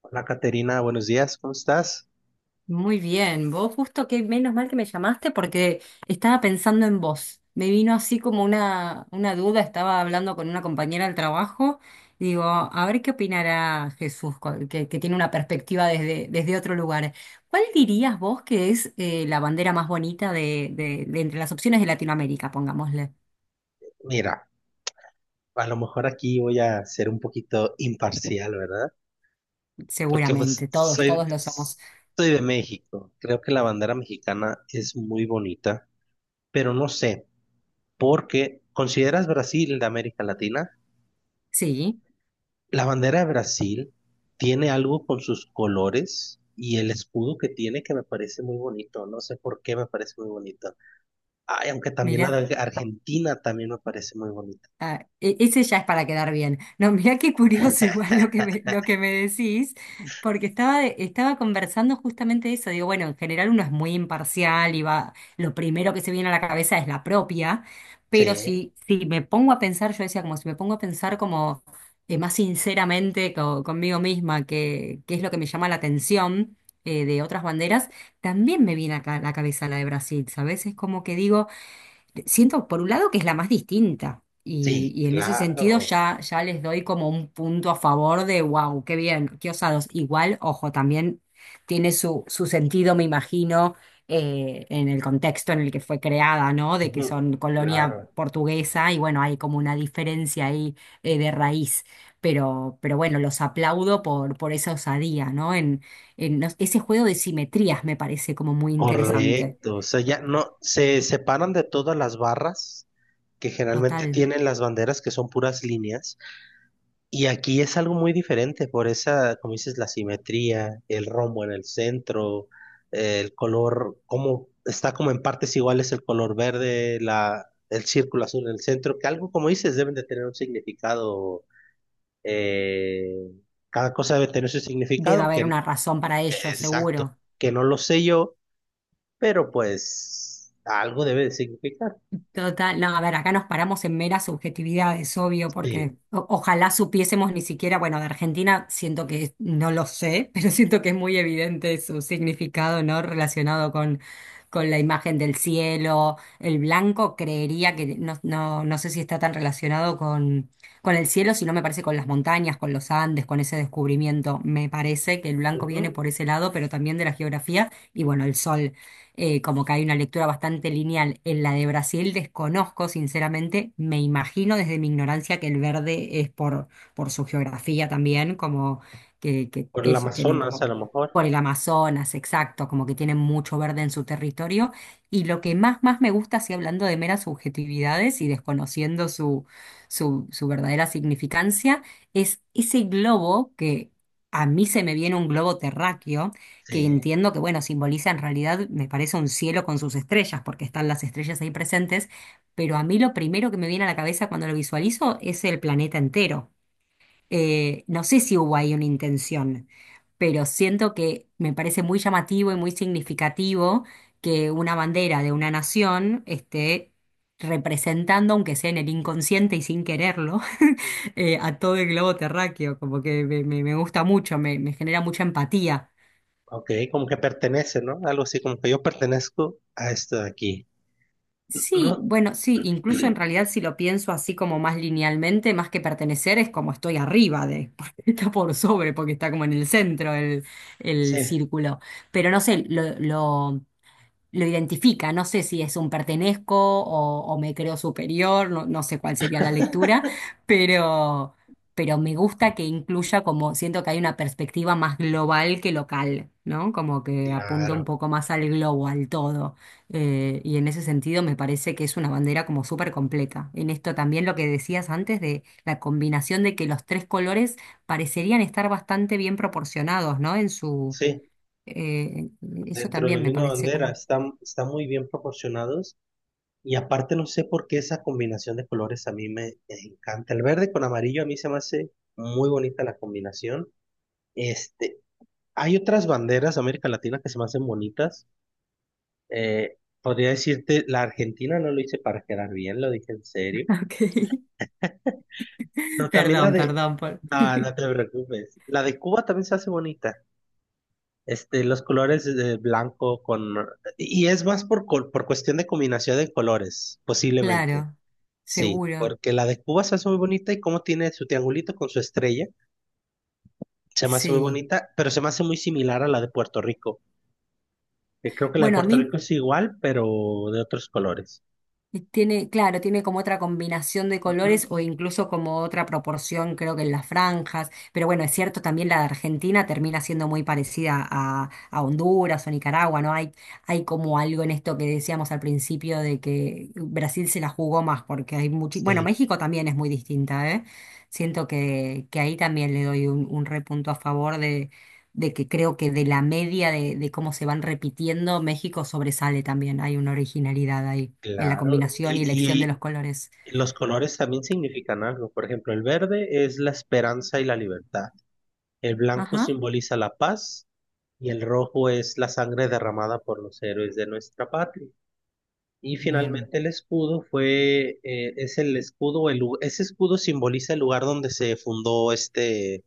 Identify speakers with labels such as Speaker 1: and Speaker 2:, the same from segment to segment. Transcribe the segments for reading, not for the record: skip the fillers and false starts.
Speaker 1: Hola Caterina, buenos días, ¿cómo estás?
Speaker 2: Muy bien, vos justo que menos mal que me llamaste porque estaba pensando en vos. Me vino así como una duda, estaba hablando con una compañera del trabajo y digo, a ver qué opinará Jesús, que tiene una perspectiva desde otro lugar. ¿Cuál dirías vos que es la bandera más bonita de entre las opciones de Latinoamérica, pongámosle?
Speaker 1: Mira, a lo mejor aquí voy a ser un poquito imparcial, ¿verdad? Porque pues
Speaker 2: Seguramente, todos,
Speaker 1: soy,
Speaker 2: todos lo somos.
Speaker 1: soy de México. Creo que la bandera mexicana es muy bonita, pero no sé, porque ¿consideras Brasil de América Latina?
Speaker 2: Sí,
Speaker 1: La bandera de Brasil tiene algo con sus colores y el escudo que tiene que me parece muy bonito. No sé por qué me parece muy bonito. Ay, aunque también la
Speaker 2: mira.
Speaker 1: de Argentina también me parece muy bonita.
Speaker 2: Ah, ese ya es para quedar bien. No, mirá qué curioso igual lo que me decís, porque estaba conversando justamente eso. Digo, bueno, en general uno es muy imparcial y va, lo primero que se viene a la cabeza es la propia, pero
Speaker 1: Sí.
Speaker 2: si me pongo a pensar, yo decía como si me pongo a pensar como más sinceramente conmigo misma, que es lo que me llama la atención de otras banderas, también me viene acá a la cabeza la de Brasil, ¿sabes? Es como que digo... Siento, por un lado, que es la más distinta.
Speaker 1: Sí,
Speaker 2: Y en ese sentido
Speaker 1: claro,
Speaker 2: ya les doy como un punto a favor de, wow, qué bien, qué osados. Igual, ojo, también tiene su sentido, me imagino, en el contexto en el que fue creada, ¿no? De que
Speaker 1: ujú,
Speaker 2: son colonia
Speaker 1: claro,
Speaker 2: portuguesa y bueno, hay como una diferencia ahí de raíz. Pero bueno, los aplaudo por esa osadía, ¿no? Ese juego de simetrías me parece como muy interesante.
Speaker 1: correcto. O sea, ya no, se separan de todas las barras que generalmente
Speaker 2: Total.
Speaker 1: tienen las banderas que son puras líneas. Y aquí es algo muy diferente por esa, como dices, la simetría, el rombo en el centro, el color, como está como en partes iguales el color verde, la, el círculo azul en el centro, que algo como dices deben de tener un significado eh, cada cosa debe tener su
Speaker 2: Debe
Speaker 1: significado,
Speaker 2: haber
Speaker 1: que
Speaker 2: una razón para ello,
Speaker 1: exacto,
Speaker 2: seguro.
Speaker 1: que no lo sé yo, pero pues algo debe de significar.
Speaker 2: Total, no, a ver, acá nos paramos en meras subjetividades, obvio,
Speaker 1: Sí.
Speaker 2: porque ojalá supiésemos ni siquiera, bueno, de Argentina siento que no lo sé, pero siento que es muy evidente su significado, ¿no? Relacionado con la imagen del cielo. El blanco creería que no, no sé si está tan relacionado con el cielo, sino me parece con las montañas, con los Andes, con ese descubrimiento. Me parece que el blanco viene
Speaker 1: Ujú.
Speaker 2: por ese lado, pero también de la geografía y bueno, el sol. Como que hay una lectura bastante lineal. En la de Brasil desconozco, sinceramente, me imagino desde mi ignorancia que el verde es por su geografía también, como que
Speaker 1: Por el
Speaker 2: eso, tienen
Speaker 1: Amazonas a
Speaker 2: como
Speaker 1: lo mejor.
Speaker 2: por el Amazonas, exacto, como que tienen mucho verde en su territorio. Y lo que más me gusta, así hablando de meras subjetividades y desconociendo su verdadera significancia, es ese globo que... A mí se me viene un globo terráqueo, que
Speaker 1: Sí.
Speaker 2: entiendo que, bueno, simboliza en realidad, me parece un cielo con sus estrellas, porque están las estrellas ahí presentes, pero a mí lo primero que me viene a la cabeza cuando lo visualizo es el planeta entero. No sé si hubo ahí una intención, pero siento que me parece muy llamativo y muy significativo que una bandera de una nación esté representando, aunque sea en el inconsciente y sin quererlo, a todo el globo terráqueo, como que me gusta mucho, me genera mucha empatía.
Speaker 1: Ok, como que pertenece, ¿no? Algo así, como que yo pertenezco a esto de aquí.
Speaker 2: Sí,
Speaker 1: No.
Speaker 2: bueno, sí, incluso en realidad si lo pienso así como más linealmente, más que pertenecer, es como estoy arriba de, porque está por sobre, porque está como en el centro el
Speaker 1: Sí,
Speaker 2: círculo. Pero no sé, lo identifica. No sé si es un pertenezco o me creo superior, no, no sé cuál sería la lectura, pero, pero me gusta que incluya como siento que hay una perspectiva más global que local, ¿no? Como que apunta un
Speaker 1: claro.
Speaker 2: poco más al globo, al todo. Y en ese sentido me parece que es una bandera como súper completa. En esto también lo que decías antes de la combinación de que los tres colores parecerían estar bastante bien proporcionados, ¿no? En su...
Speaker 1: Sí,
Speaker 2: eh, eso
Speaker 1: dentro de la
Speaker 2: también me
Speaker 1: misma
Speaker 2: parece
Speaker 1: bandera
Speaker 2: como
Speaker 1: están, están muy bien proporcionados y aparte no sé por qué esa combinación de colores a mí me encanta. El verde con amarillo a mí se me hace muy bonita la combinación. Este, hay otras banderas de América Latina que se me hacen bonitas. Podría decirte, la Argentina no lo hice para quedar bien, lo dije en serio.
Speaker 2: Ok.
Speaker 1: Pero también la de...
Speaker 2: Perdón por.
Speaker 1: Ah, no te preocupes. La de Cuba también se hace bonita. Este, los colores de blanco con... Y es más por, col- por cuestión de combinación de colores, posiblemente.
Speaker 2: Claro,
Speaker 1: Sí,
Speaker 2: seguro.
Speaker 1: porque la de Cuba se hace muy bonita y como tiene su triangulito con su estrella, se me hace muy
Speaker 2: Sí.
Speaker 1: bonita, pero se me hace muy similar a la de Puerto Rico. Que creo que la de
Speaker 2: Bueno, a
Speaker 1: Puerto Rico
Speaker 2: mí
Speaker 1: es igual, pero de otros colores.
Speaker 2: y tiene, claro, tiene como otra combinación de
Speaker 1: Ujú.
Speaker 2: colores o incluso como otra proporción, creo que en las franjas. Pero bueno, es cierto, también la de Argentina termina siendo muy parecida a Honduras o Nicaragua, ¿no? Hay como algo en esto que decíamos al principio de que Brasil se la jugó más porque hay mucho... Bueno,
Speaker 1: Sí,
Speaker 2: México también es muy distinta, ¿eh? Siento que ahí también le doy un repunto a favor de que creo que de la media de cómo se van repitiendo, México sobresale también, hay una originalidad ahí en la
Speaker 1: claro.
Speaker 2: combinación y elección de
Speaker 1: Y
Speaker 2: los colores.
Speaker 1: los colores también significan algo. Por ejemplo, el verde es la esperanza y la libertad. El blanco
Speaker 2: Ajá,
Speaker 1: simboliza la paz y el rojo es la sangre derramada por los héroes de nuestra patria. Y
Speaker 2: bien.
Speaker 1: finalmente el escudo fue, es el escudo, el lu- ese escudo simboliza el lugar donde se fundó este,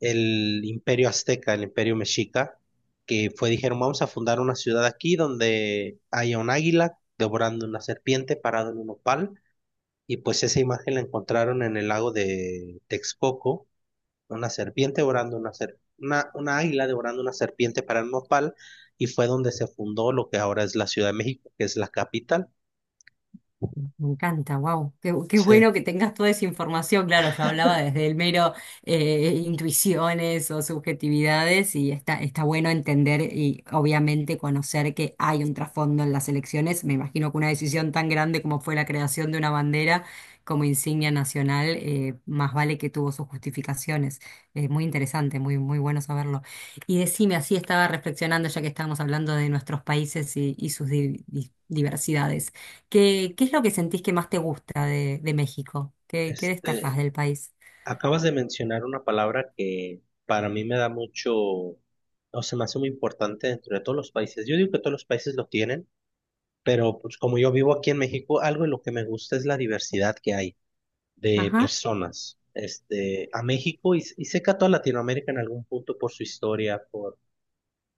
Speaker 1: el imperio azteca, el imperio mexica, que fue, dijeron, vamos a fundar una ciudad aquí donde haya un águila devorando una serpiente parado en un nopal y pues esa imagen la encontraron en el lago de Texcoco, una serpiente devorando una, ser- una águila devorando una serpiente parada en un nopal y fue donde se fundó lo que ahora es la Ciudad de México, que es la capital.
Speaker 2: Me encanta, wow. Qué
Speaker 1: Sí,
Speaker 2: bueno que tengas toda esa información. Claro, yo hablaba desde el mero intuiciones o subjetividades y está, está bueno entender y obviamente conocer que hay un trasfondo en las elecciones. Me imagino que una decisión tan grande como fue la creación de una bandera como insignia nacional, más vale que tuvo sus justificaciones. Es muy interesante, muy, muy bueno saberlo. Y decime, así estaba reflexionando ya que estábamos hablando de nuestros países y sus diversidades. Qué es lo que sentís que más te gusta de México? Qué
Speaker 1: este,
Speaker 2: destacás del país?
Speaker 1: acabas de mencionar una palabra que para mí me da mucho, o se me hace muy importante dentro de todos los países. Yo digo que todos los países lo tienen, pero pues como yo vivo aquí en México, algo de lo que me gusta es la diversidad que hay de
Speaker 2: Ajá,
Speaker 1: personas. Este, a México y sé que a toda Latinoamérica en algún punto por su historia, por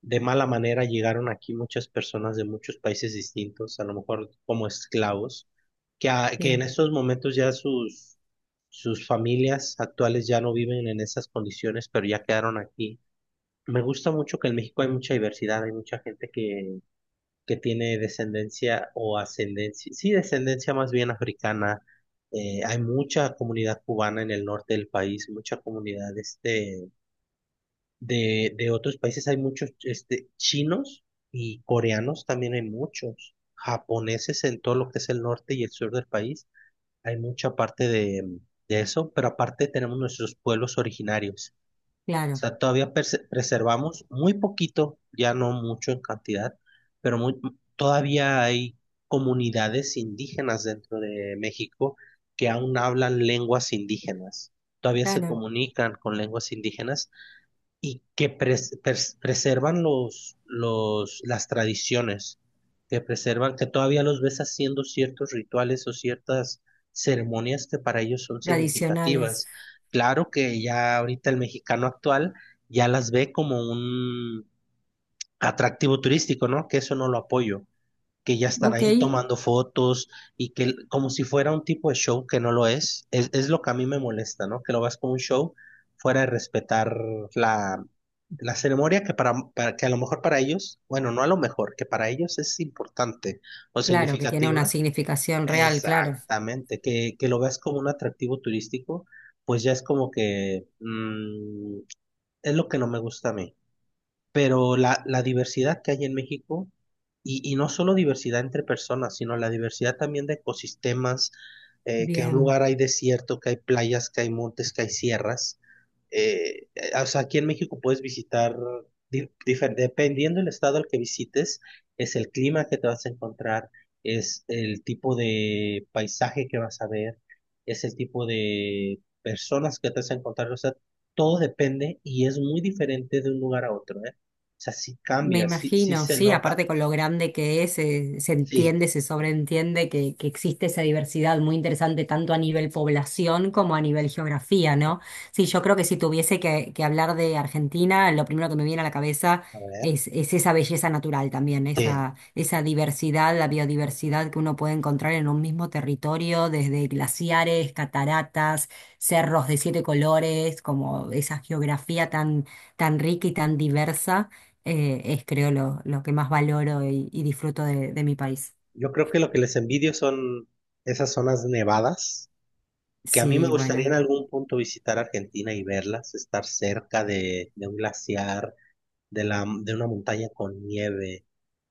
Speaker 1: de mala manera llegaron aquí muchas personas de muchos países distintos, a lo mejor como esclavos, que, a- que en
Speaker 2: sí,
Speaker 1: estos momentos ya sus, sus familias actuales ya no viven en esas condiciones, pero ya quedaron aquí. Me gusta mucho que en México hay mucha diversidad, hay mucha gente que tiene descendencia o ascendencia, sí, descendencia más bien africana. Hay mucha comunidad cubana en el norte del país, mucha comunidad este, de otros países hay muchos este, chinos y coreanos también hay muchos, japoneses en todo lo que es el norte y el sur del país, hay mucha parte de eso, pero aparte tenemos nuestros pueblos originarios. O
Speaker 2: claro,
Speaker 1: sea, todavía perse- preservamos muy poquito, ya no mucho en cantidad, pero muy, todavía hay comunidades indígenas dentro de México que aún hablan lenguas indígenas. Todavía se
Speaker 2: claro.
Speaker 1: comunican con lenguas indígenas y que pres- pres- preservan los, las tradiciones, que preservan, que todavía los ves haciendo ciertos rituales o ciertas ceremonias que para ellos son
Speaker 2: Tradicionales.
Speaker 1: significativas. Claro que ya ahorita el mexicano actual ya las ve como un atractivo turístico, ¿no? Que eso no lo apoyo que ya están
Speaker 2: Ok,
Speaker 1: ahí tomando fotos y que el- como si fuera un tipo de show que no lo es lo que a mí me molesta, ¿no? Que lo veas como un show fuera de respetar la, la ceremonia que para que a lo mejor para ellos, bueno, no a lo mejor, que para ellos es importante o
Speaker 2: claro, que tiene una
Speaker 1: significativa.
Speaker 2: significación real, claro.
Speaker 1: Exactamente, que lo veas como un atractivo turístico, pues ya es como que es lo que no me gusta a mí pero la diversidad que hay en México, y no solo diversidad entre personas, sino la diversidad también de ecosistemas, que en un
Speaker 2: Bien.
Speaker 1: lugar hay desierto, que hay playas, que hay montes, que hay sierras, eh, o sea, aquí en México puedes visitar, di- difer- dependiendo del estado al que visites, es el clima que te vas a encontrar, es el tipo de paisaje que vas a ver, es el tipo de personas que te vas a encontrar, o sea, todo depende y es muy diferente de un lugar a otro, ¿eh? O sea, sí
Speaker 2: Me
Speaker 1: cambia, sí, sí
Speaker 2: imagino,
Speaker 1: se
Speaker 2: sí,
Speaker 1: nota.
Speaker 2: aparte con lo grande que es, se
Speaker 1: Sí,
Speaker 2: entiende, se sobreentiende que existe esa diversidad muy interesante tanto a nivel población como a nivel geografía, ¿no? Sí, yo creo que si tuviese que hablar de Argentina, lo primero que me viene a la cabeza
Speaker 1: a ver,
Speaker 2: es esa belleza natural también,
Speaker 1: sí.
Speaker 2: esa diversidad, la biodiversidad que uno puede encontrar en un mismo territorio, desde glaciares, cataratas, cerros de siete colores, como esa geografía tan rica y tan diversa es creo lo que más valoro y disfruto de mi país.
Speaker 1: Yo creo que lo que les envidio son esas zonas nevadas que a mí me
Speaker 2: Sí,
Speaker 1: gustaría en algún punto visitar Argentina y verlas, estar cerca de un glaciar, de, la, de una montaña con nieve,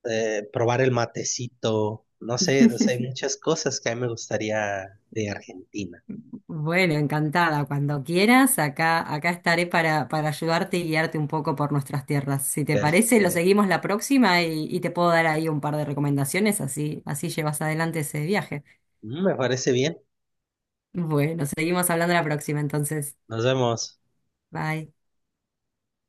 Speaker 1: probar el matecito, no sé, o sea, hay muchas cosas que a mí me gustaría de Argentina.
Speaker 2: bueno, encantada. Cuando quieras, acá estaré para ayudarte y guiarte un poco por nuestras tierras. Si te
Speaker 1: Pero,
Speaker 2: parece, lo
Speaker 1: eh,
Speaker 2: seguimos la próxima y te puedo dar ahí un par de recomendaciones, así llevas adelante ese viaje.
Speaker 1: mm, me parece bien,
Speaker 2: Bueno, seguimos hablando la próxima entonces.
Speaker 1: nos vemos.
Speaker 2: Bye.